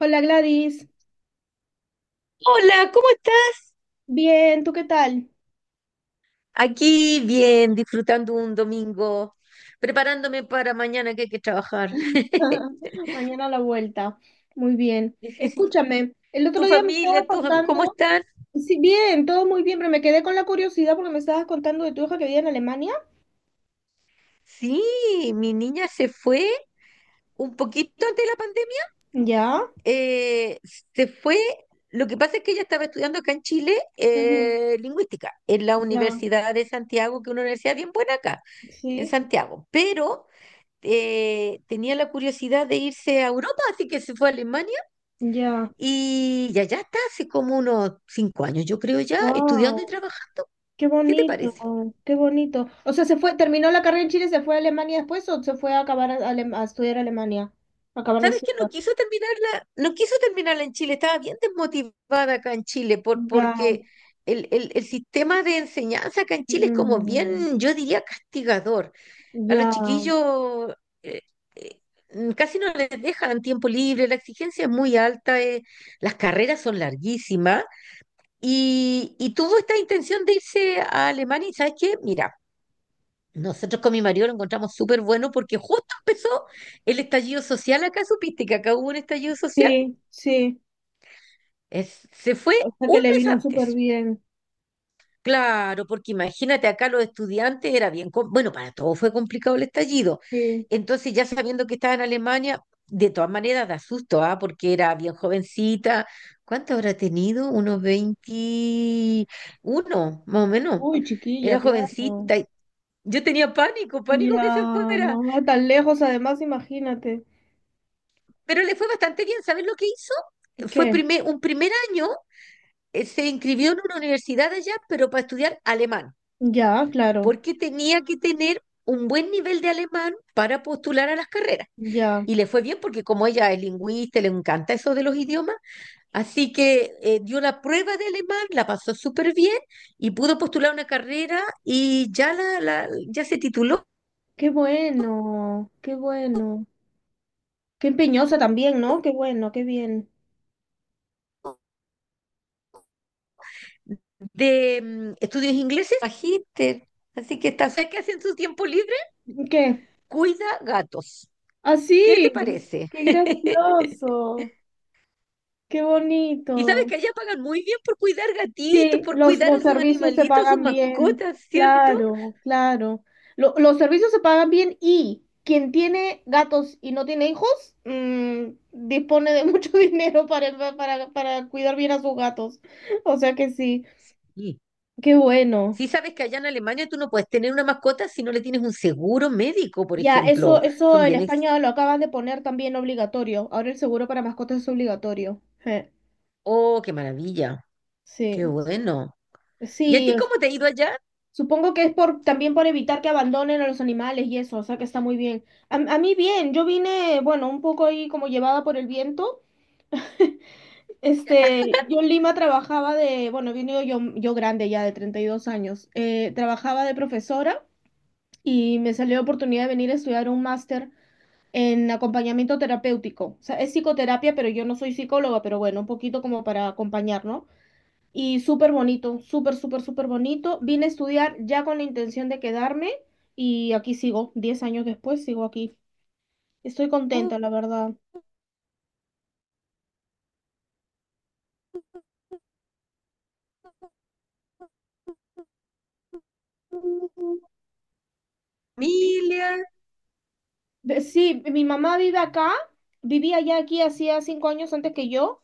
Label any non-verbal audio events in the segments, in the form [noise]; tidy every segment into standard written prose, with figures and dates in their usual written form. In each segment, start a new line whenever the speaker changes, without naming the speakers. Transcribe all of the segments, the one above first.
Hola Gladys,
Hola, ¿cómo estás?
bien, ¿tú qué tal?
Aquí bien, disfrutando un domingo, preparándome para mañana que hay que trabajar. [laughs]
[laughs] Mañana a la vuelta, muy bien. Escúchame, el otro
¿Tu
día me estabas
familia, tus cómo
contando,
están?
sí, bien, todo muy bien, pero me quedé con la curiosidad porque me estabas contando de tu hija que vive en Alemania.
Sí, mi niña se fue un poquito antes de la pandemia.
Ya,
eh, Se fue. Lo que pasa es que ella estaba estudiando acá en Chile,
ujú,
lingüística, en la
ya,
Universidad de Santiago, que es una universidad bien buena acá, en
sí,
Santiago, pero tenía la curiosidad de irse a Europa, así que se fue a Alemania.
ya,
Y ya, ya está hace como unos 5 años, yo creo, ya estudiando y
wow,
trabajando.
qué
¿Qué te
bonito,
parece?
qué bonito. O sea, se fue, terminó la carrera en Chile, ¿se fue a Alemania después o se fue a acabar a estudiar a Alemania? A acabar de
¿Sabes que no
estudiar.
quiso terminarla? No quiso terminarla en Chile, estaba bien desmotivada acá en Chile
Ya,
porque el sistema de enseñanza acá en Chile es como
mm,
bien, yo diría, castigador. A los
ya.
chiquillos eh, eh, casi no les dejan tiempo libre, la exigencia es muy alta, las carreras son larguísimas y tuvo esta intención de irse a Alemania y ¿sabes qué? Mira. Nosotros con mi marido lo encontramos súper bueno porque justo empezó el estallido social acá, supiste que acá hubo un estallido social.
Sí, sí,
Se fue
o sea que
un
le
mes
vino súper
antes.
bien.
Claro, porque imagínate acá los estudiantes era bien, bueno, para todos fue complicado el estallido.
Sí.
Entonces ya sabiendo que estaba en Alemania, de todas maneras da susto, ¿ah? Porque era bien jovencita. ¿Cuánto habrá tenido? Unos 21, más o menos.
Uy, chiquilla,
Era
claro.
jovencita. Y yo tenía pánico, pánico que se
Ya,
fuera.
mamá, tan lejos, además, imagínate.
Pero le fue bastante bien. ¿Sabes lo que hizo? Fue
¿Qué?
un primer año, se inscribió en una universidad allá, pero para estudiar alemán,
Ya, claro,
porque tenía que tener un buen nivel de alemán para postular a las carreras.
ya.
Y le fue bien porque como ella es lingüista, le encanta eso de los idiomas, así que dio la prueba de alemán, la pasó súper bien y pudo postular una carrera y ya, ya se tituló
Qué bueno, qué bueno. Qué empeñosa también, ¿no? Qué bueno, qué bien.
de estudios ingleses, magíster. Así que está... ¿sabes qué hace en su tiempo libre?
¿Qué?
Cuida gatos. ¿Qué te
Así,
parece?
qué
[laughs]
gracioso, qué
Y sabes
bonito.
que allá pagan muy bien por cuidar gatitos,
Sí,
por
los,
cuidar a
los
sus
servicios se
animalitos, a sus
pagan bien,
mascotas, ¿cierto?
claro, claro. Los servicios se pagan bien y quien tiene gatos y no tiene hijos, dispone de mucho [laughs] dinero para cuidar bien a sus gatos. O sea que sí,
Sí.
qué bueno.
Sí, sabes que allá en Alemania tú no puedes tener una mascota si no le tienes un seguro médico, por
Ya,
ejemplo.
eso
Son
en
bien ex...
España lo acaban de poner también obligatorio. Ahora el seguro para mascotas es obligatorio. Je,
Oh, qué maravilla. Qué
sí,
bueno. ¿Y a
sí.
ti cómo te ha ido allá?
Supongo que es por también por evitar que abandonen a los animales y eso, o sea que está muy bien. A mí bien, yo vine, bueno, un poco ahí como llevada por el viento. Este, yo en Lima trabajaba de, bueno, vine yo, yo grande ya de 32 años, trabajaba de profesora y me salió la oportunidad de venir a estudiar un máster en acompañamiento terapéutico. O sea, es psicoterapia, pero yo no soy psicóloga, pero bueno, un poquito como para acompañar, ¿no? Y súper bonito, súper, súper, súper bonito. Vine a estudiar ya con la intención de quedarme y aquí sigo, 10 años después sigo aquí. Estoy
Uh,
contenta, la verdad.
uh,
Sí.
familia.
Sí, mi mamá vive acá, vivía ya aquí hacía 5 años antes que yo,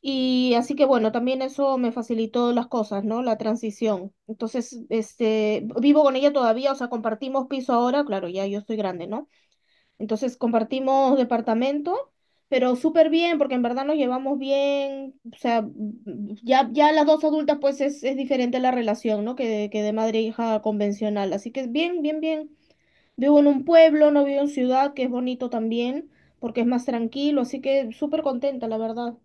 y así que bueno, también eso me facilitó las cosas, ¿no? La transición. Entonces, este, vivo con ella todavía, o sea, compartimos piso ahora, claro, ya yo estoy grande, ¿no? Entonces compartimos departamento, pero súper bien, porque en verdad nos llevamos bien. O sea, ya, ya las dos adultas, pues es diferente la relación, ¿no? Que de madre e hija convencional. Así que es bien, bien, bien. Vivo en un pueblo, no vivo en ciudad, que es bonito también, porque es más tranquilo. Así que súper contenta, la verdad.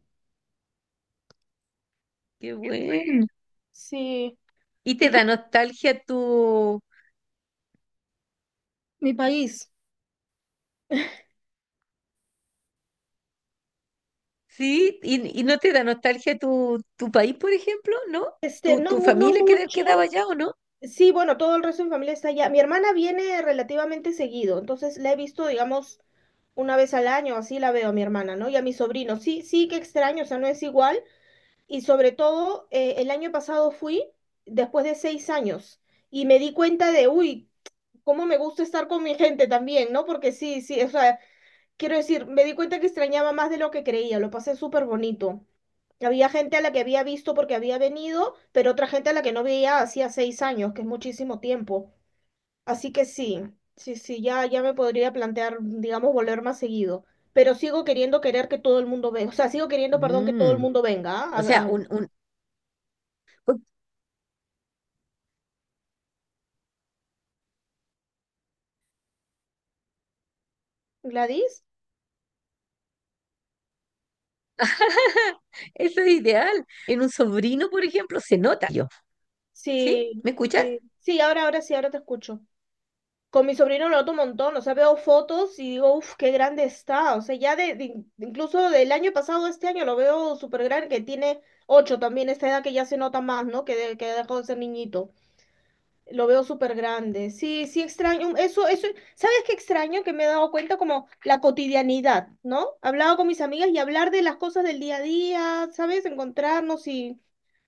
Qué bueno.
Sí.
¿Y
¿Y
te
tú?
da nostalgia tu...
Mi país.
sí? Y no te da nostalgia tu, tu país, por ejemplo? ¿No?
Este,
¿Tu,
no,
tu
no mucho.
quedaba allá o no?
Sí, bueno, todo el resto de mi familia está allá. Mi hermana viene relativamente seguido, entonces la he visto, digamos, una vez al año, así la veo a mi hermana, ¿no? Y a mi sobrino. Sí, sí que extraño, o sea, no es igual. Y sobre todo, el año pasado fui después de 6 años y me di cuenta de, uy, cómo me gusta estar con mi gente también, ¿no? Porque sí, sí, o sea, quiero decir, me di cuenta que extrañaba más de lo que creía, lo pasé súper bonito. Había gente a la que había visto porque había venido, pero otra gente a la que no veía hacía 6 años, que es muchísimo tiempo. Así que sí, sí, sí, ya, ya me podría plantear, digamos, volver más seguido. Pero sigo queriendo querer que todo el mundo venga. O sea, sigo queriendo, perdón, que todo el
Mm,
mundo venga. ¿Ah?
o sea, un-
¿Gladys?
eso es ideal. En un sobrino, por ejemplo, se nota yo. ¿Sí?
Sí,
¿Me escuchas?
sí. Sí, ahora, ahora sí, ahora te escucho. Con mi sobrino lo noto un montón. O sea, veo fotos y digo, uff, qué grande está. O sea, ya incluso del año pasado, este año, lo veo súper grande, que tiene 8 también, esta edad que ya se nota más, ¿no? Que dejó de ser niñito. Lo veo súper grande. Sí, sí extraño. Eso, eso, ¿sabes qué extraño? Que me he dado cuenta como la cotidianidad, ¿no? Hablaba con mis amigas y hablar de las cosas del día a día, ¿sabes? Encontrarnos y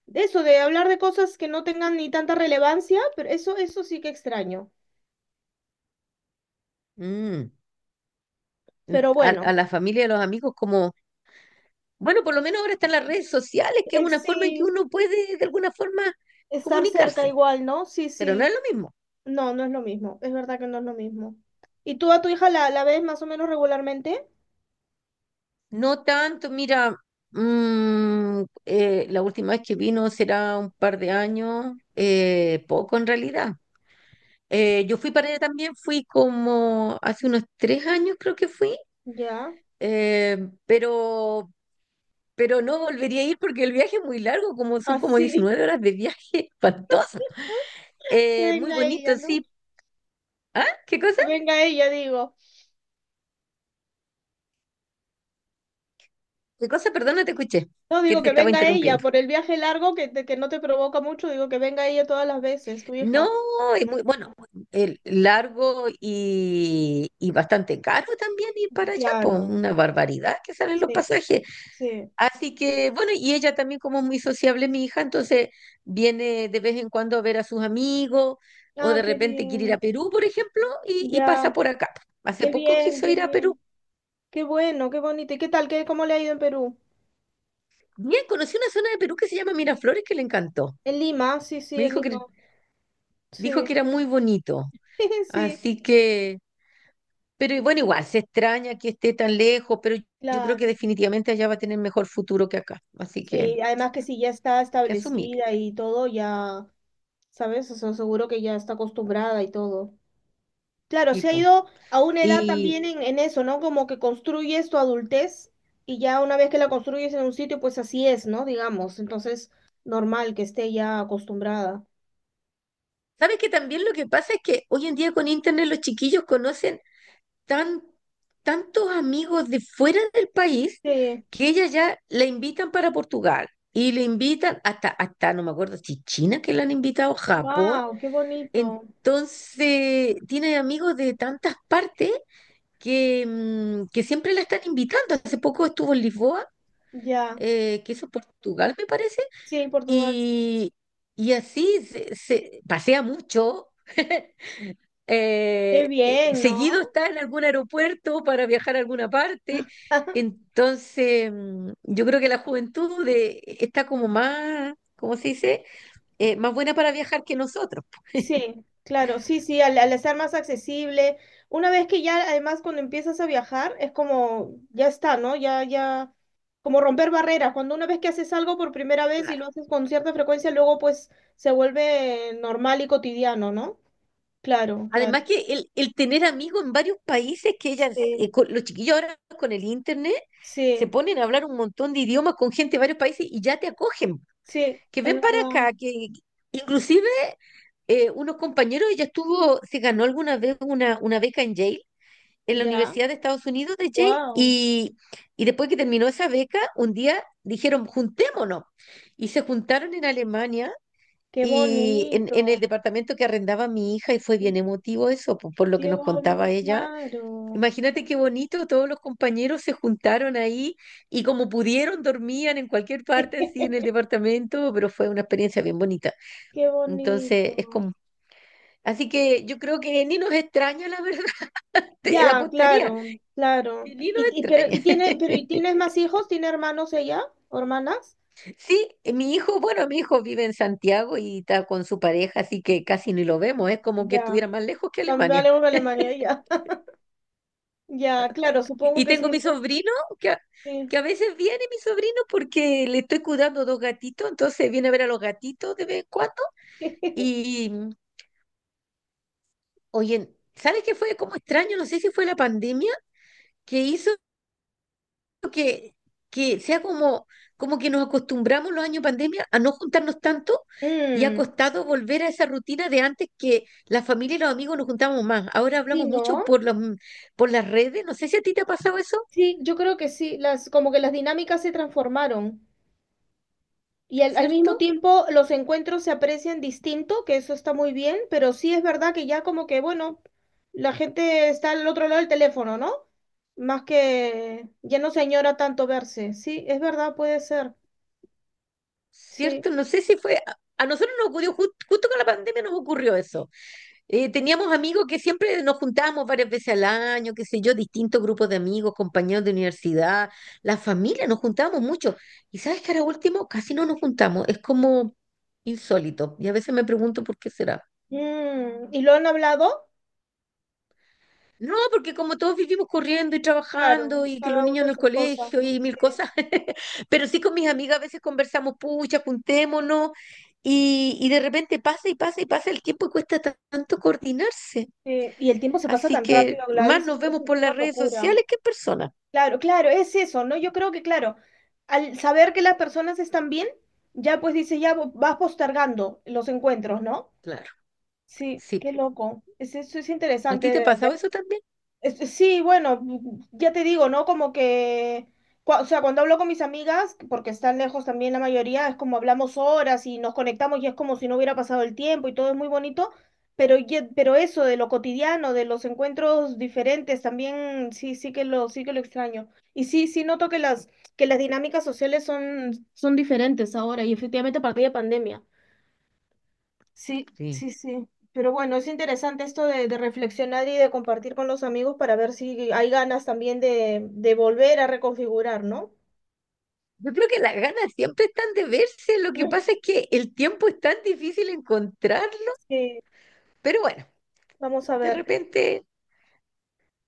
de eso, de hablar de cosas que no tengan ni tanta relevancia, pero eso sí que extraño.
Mm,
Pero bueno,
a la familia y a los amigos como, bueno, por lo menos ahora están las redes sociales, que es una forma en que
sí,
uno puede de alguna forma
estar cerca
comunicarse,
igual, ¿no? Sí,
pero no
sí.
es lo mismo.
No, no es lo mismo. Es verdad que no es lo mismo. ¿Y tú a tu hija la ves más o menos regularmente?
No tanto, mira, la última vez que vino será un par de años, poco en realidad. Yo fui para allá también, fui como hace unos 3 años creo que fui,
Ya.
eh, pero, pero no volvería a ir porque el viaje es muy largo, como son como
Así,
19 horas de viaje, [laughs] espantoso.
[laughs] que
Muy
venga
bonito,
ella, ¿no?
sí. ¿Ah? ¿Qué
Que
cosa?
venga ella, digo.
¿Qué cosa? Perdón, no te escuché,
No,
que
digo
te
que
estaba
venga ella,
interrumpiendo.
por el viaje largo que no te provoca mucho, digo que venga ella todas las veces, tu
No,
hija.
es muy, bueno, el largo y bastante caro también ir para allá, pues
Claro,
una barbaridad que salen los
sí,
pasajes.
sí.
Así que, bueno, y ella también como es muy sociable, mi hija, entonces viene de vez en cuando a ver a sus amigos o
Ah,
de
qué
repente quiere ir a
bien,
Perú, por ejemplo, y
ya,
pasa por acá. Hace
qué
poco
bien,
quiso
qué
ir a Perú.
bien, qué bueno, qué bonito. ¿Y qué tal? ¿Qué, cómo le ha ido en Perú?
Bien, conocí una zona de Perú que se llama Miraflores que le encantó.
En Lima, sí,
Me
sí, en
dijo
Lima,
que, dijo
sí,
que era muy bonito.
[laughs] sí,
Así que... Pero y bueno, igual, se extraña que esté tan lejos, pero yo creo que
claro.
definitivamente allá va a tener mejor futuro que acá. Así
Sí, además que si ya está
que asumir,
establecida y todo, ya, ¿sabes? O sea, seguro que ya está acostumbrada y todo. Claro, se ha
tipo.
ido a una edad
Y
también en eso, ¿no? Como que construyes tu adultez y ya una vez que la construyes en un sitio, pues así es, ¿no? Digamos, entonces normal que esté ya acostumbrada.
sabes que también lo que pasa es que hoy en día con internet los chiquillos conocen tan, tantos amigos de fuera del país
Sí,
que ella ya la invitan para Portugal y le invitan hasta, hasta, no me acuerdo si China que la han invitado, Japón.
wow, qué bonito.
Entonces, tiene amigos de tantas partes que, que siempre la están invitando. Hace poco estuvo en Lisboa,
Ya,
que eso es Portugal, me parece,
sí, Portugal.
y, y así pasea mucho. [laughs]
Qué bien,
Seguido
¿no?
está en algún aeropuerto para viajar a alguna parte.
[laughs]
Entonces, mm, yo creo que la juventud está como más, ¿cómo se dice? Más buena para viajar que nosotros.
Sí, claro, sí, sí, al estar más accesible, una vez que ya, además, cuando empiezas a viajar, es como, ya está, ¿no? Ya, ya, como romper barreras. Cuando una vez que haces algo por primera vez y lo haces con cierta frecuencia, luego pues se vuelve normal y cotidiano, ¿no? Claro, claro.
Además que el tener amigos en varios países que ellas,
Sí,
los chiquillos ahora con el internet, se
sí,
ponen a hablar un montón de idiomas con gente de varios países y ya te acogen,
sí,
que
es
ven para
verdad.
acá, que inclusive unos compañeros, ella estuvo, se ganó alguna vez una beca en Yale, en la
Ya,
Universidad de Estados Unidos de Yale,
wow,
y después que terminó esa beca, un día dijeron, juntémonos, y se juntaron en Alemania
qué
y en el
bonito,
departamento que arrendaba mi hija, y fue bien emotivo eso, lo que
qué
nos contaba
bonito,
ella.
claro,
Imagínate qué bonito, todos los compañeros se juntaron ahí y como pudieron dormían en cualquier parte así en el
[laughs]
departamento, pero fue una experiencia bien bonita.
qué bonito.
Entonces, es como... Así que yo creo que ni nos extraña, la verdad, [laughs] te
Ya,
apostaría,
claro, claro.
que ni nos
Y, y- pero
extraña.
y tiene, pero ¿y
[laughs]
tienes más hijos? ¿Tiene hermanos ella? ¿O hermanas?
Sí, mi hijo, bueno, mi hijo vive en Santiago y está con su pareja, así que casi ni lo vemos, es como que
Ya.
estuviera más lejos que
También
Alemania.
hablemos de Alemania, ya. [laughs] Ya, claro, supongo
Y
que sí,
tengo mi
¿no?
sobrino que a,
Sí.
que a veces viene mi sobrino porque le estoy cuidando 2 gatitos, entonces viene a ver a los gatitos de vez en cuando.
[laughs]
Y oye, ¿sabes qué fue como extraño? No sé si fue la pandemia que hizo que, que sea como, como que nos acostumbramos los años pandemia a no juntarnos tanto y ha
Mm,
costado volver a esa rutina de antes que la familia y los amigos nos juntábamos más. Ahora
sí,
hablamos mucho
¿no?
por las redes. No sé si a ti te ha pasado eso,
Sí, yo creo que sí. Como que las dinámicas se transformaron. Y al mismo
¿cierto?
tiempo los encuentros se aprecian distinto, que eso está muy bien, pero sí es verdad que ya como que, bueno, la gente está al otro lado del teléfono, ¿no? Más que ya no se añora tanto verse. Sí, es verdad, puede ser.
¿Cierto?
Sí.
No sé si fue, a nosotros nos ocurrió, justo con la pandemia nos ocurrió eso. Teníamos amigos que siempre nos juntábamos varias veces al año, qué sé yo, distintos grupos de amigos, compañeros de universidad, la familia, nos juntábamos mucho. Y sabes que ahora último casi no nos juntamos, es como insólito. Y a veces me pregunto por qué será.
Mm, ¿y lo han hablado?
No, porque como todos vivimos corriendo y
Claro,
trabajando y que los
cada uno
niños en el
sus cosas,
colegio
¿no?
y mil
Sí,
cosas, [laughs] pero sí con mis amigas a veces conversamos, pucha, juntémonos y de repente pasa y pasa y pasa el tiempo y cuesta tanto coordinarse.
sí. Y el tiempo se pasa
Así
tan
que
rápido,
más
Gladys,
nos
es,
vemos
es
por las
una
redes
locura.
sociales que en persona.
Claro, claro, es eso, ¿no? Yo creo que, claro, al saber que las personas están bien, ya pues dice, ya vas postergando los encuentros, ¿no?
Claro,
Sí,
sí.
qué loco. Eso es
¿A
interesante
ti te
de,
ha pasado
ver.
eso también?
Sí, bueno, ya te digo, ¿no? Como que, o sea, cuando hablo con mis amigas, porque están lejos también la mayoría, es como hablamos horas y nos conectamos y es como si no hubiera pasado el tiempo y todo es muy bonito, pero eso de lo cotidiano, de los encuentros diferentes, también sí, sí que lo extraño. Y sí, sí noto que que las dinámicas sociales son diferentes ahora y efectivamente a partir de pandemia. Sí,
Sí.
sí, sí. Pero bueno, es interesante esto de reflexionar y de compartir con los amigos para ver si hay ganas también de volver a reconfigurar, ¿no?
Yo creo que las ganas siempre están de verse, lo que
Mm,
pasa es que el tiempo es tan difícil encontrarlo,
sí,
pero bueno,
vamos a
de
ver
repente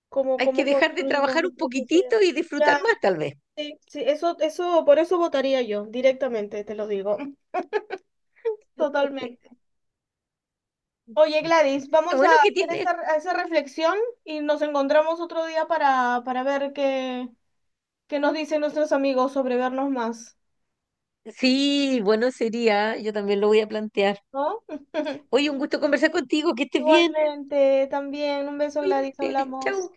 cómo,
hay que
cómo
dejar de
construimos
trabajar un
nuestra sociedad.
poquitito y
Ya,
disfrutar más, tal vez.
sí, sí, eso, por eso votaría yo, directamente, te lo digo. [laughs]
Qué...
Totalmente. Oye, Gladys, vamos a
Bueno, ¿que
hacer
tiene?
a esa reflexión y nos encontramos otro día para ver qué nos dicen nuestros amigos sobre vernos más,
Sí, bueno, sería, yo también lo voy a plantear.
¿no? [laughs]
Oye, un gusto conversar contigo, que estés bien.
Igualmente, también un beso, Gladys,
Cuídate,
hablamos.
chao.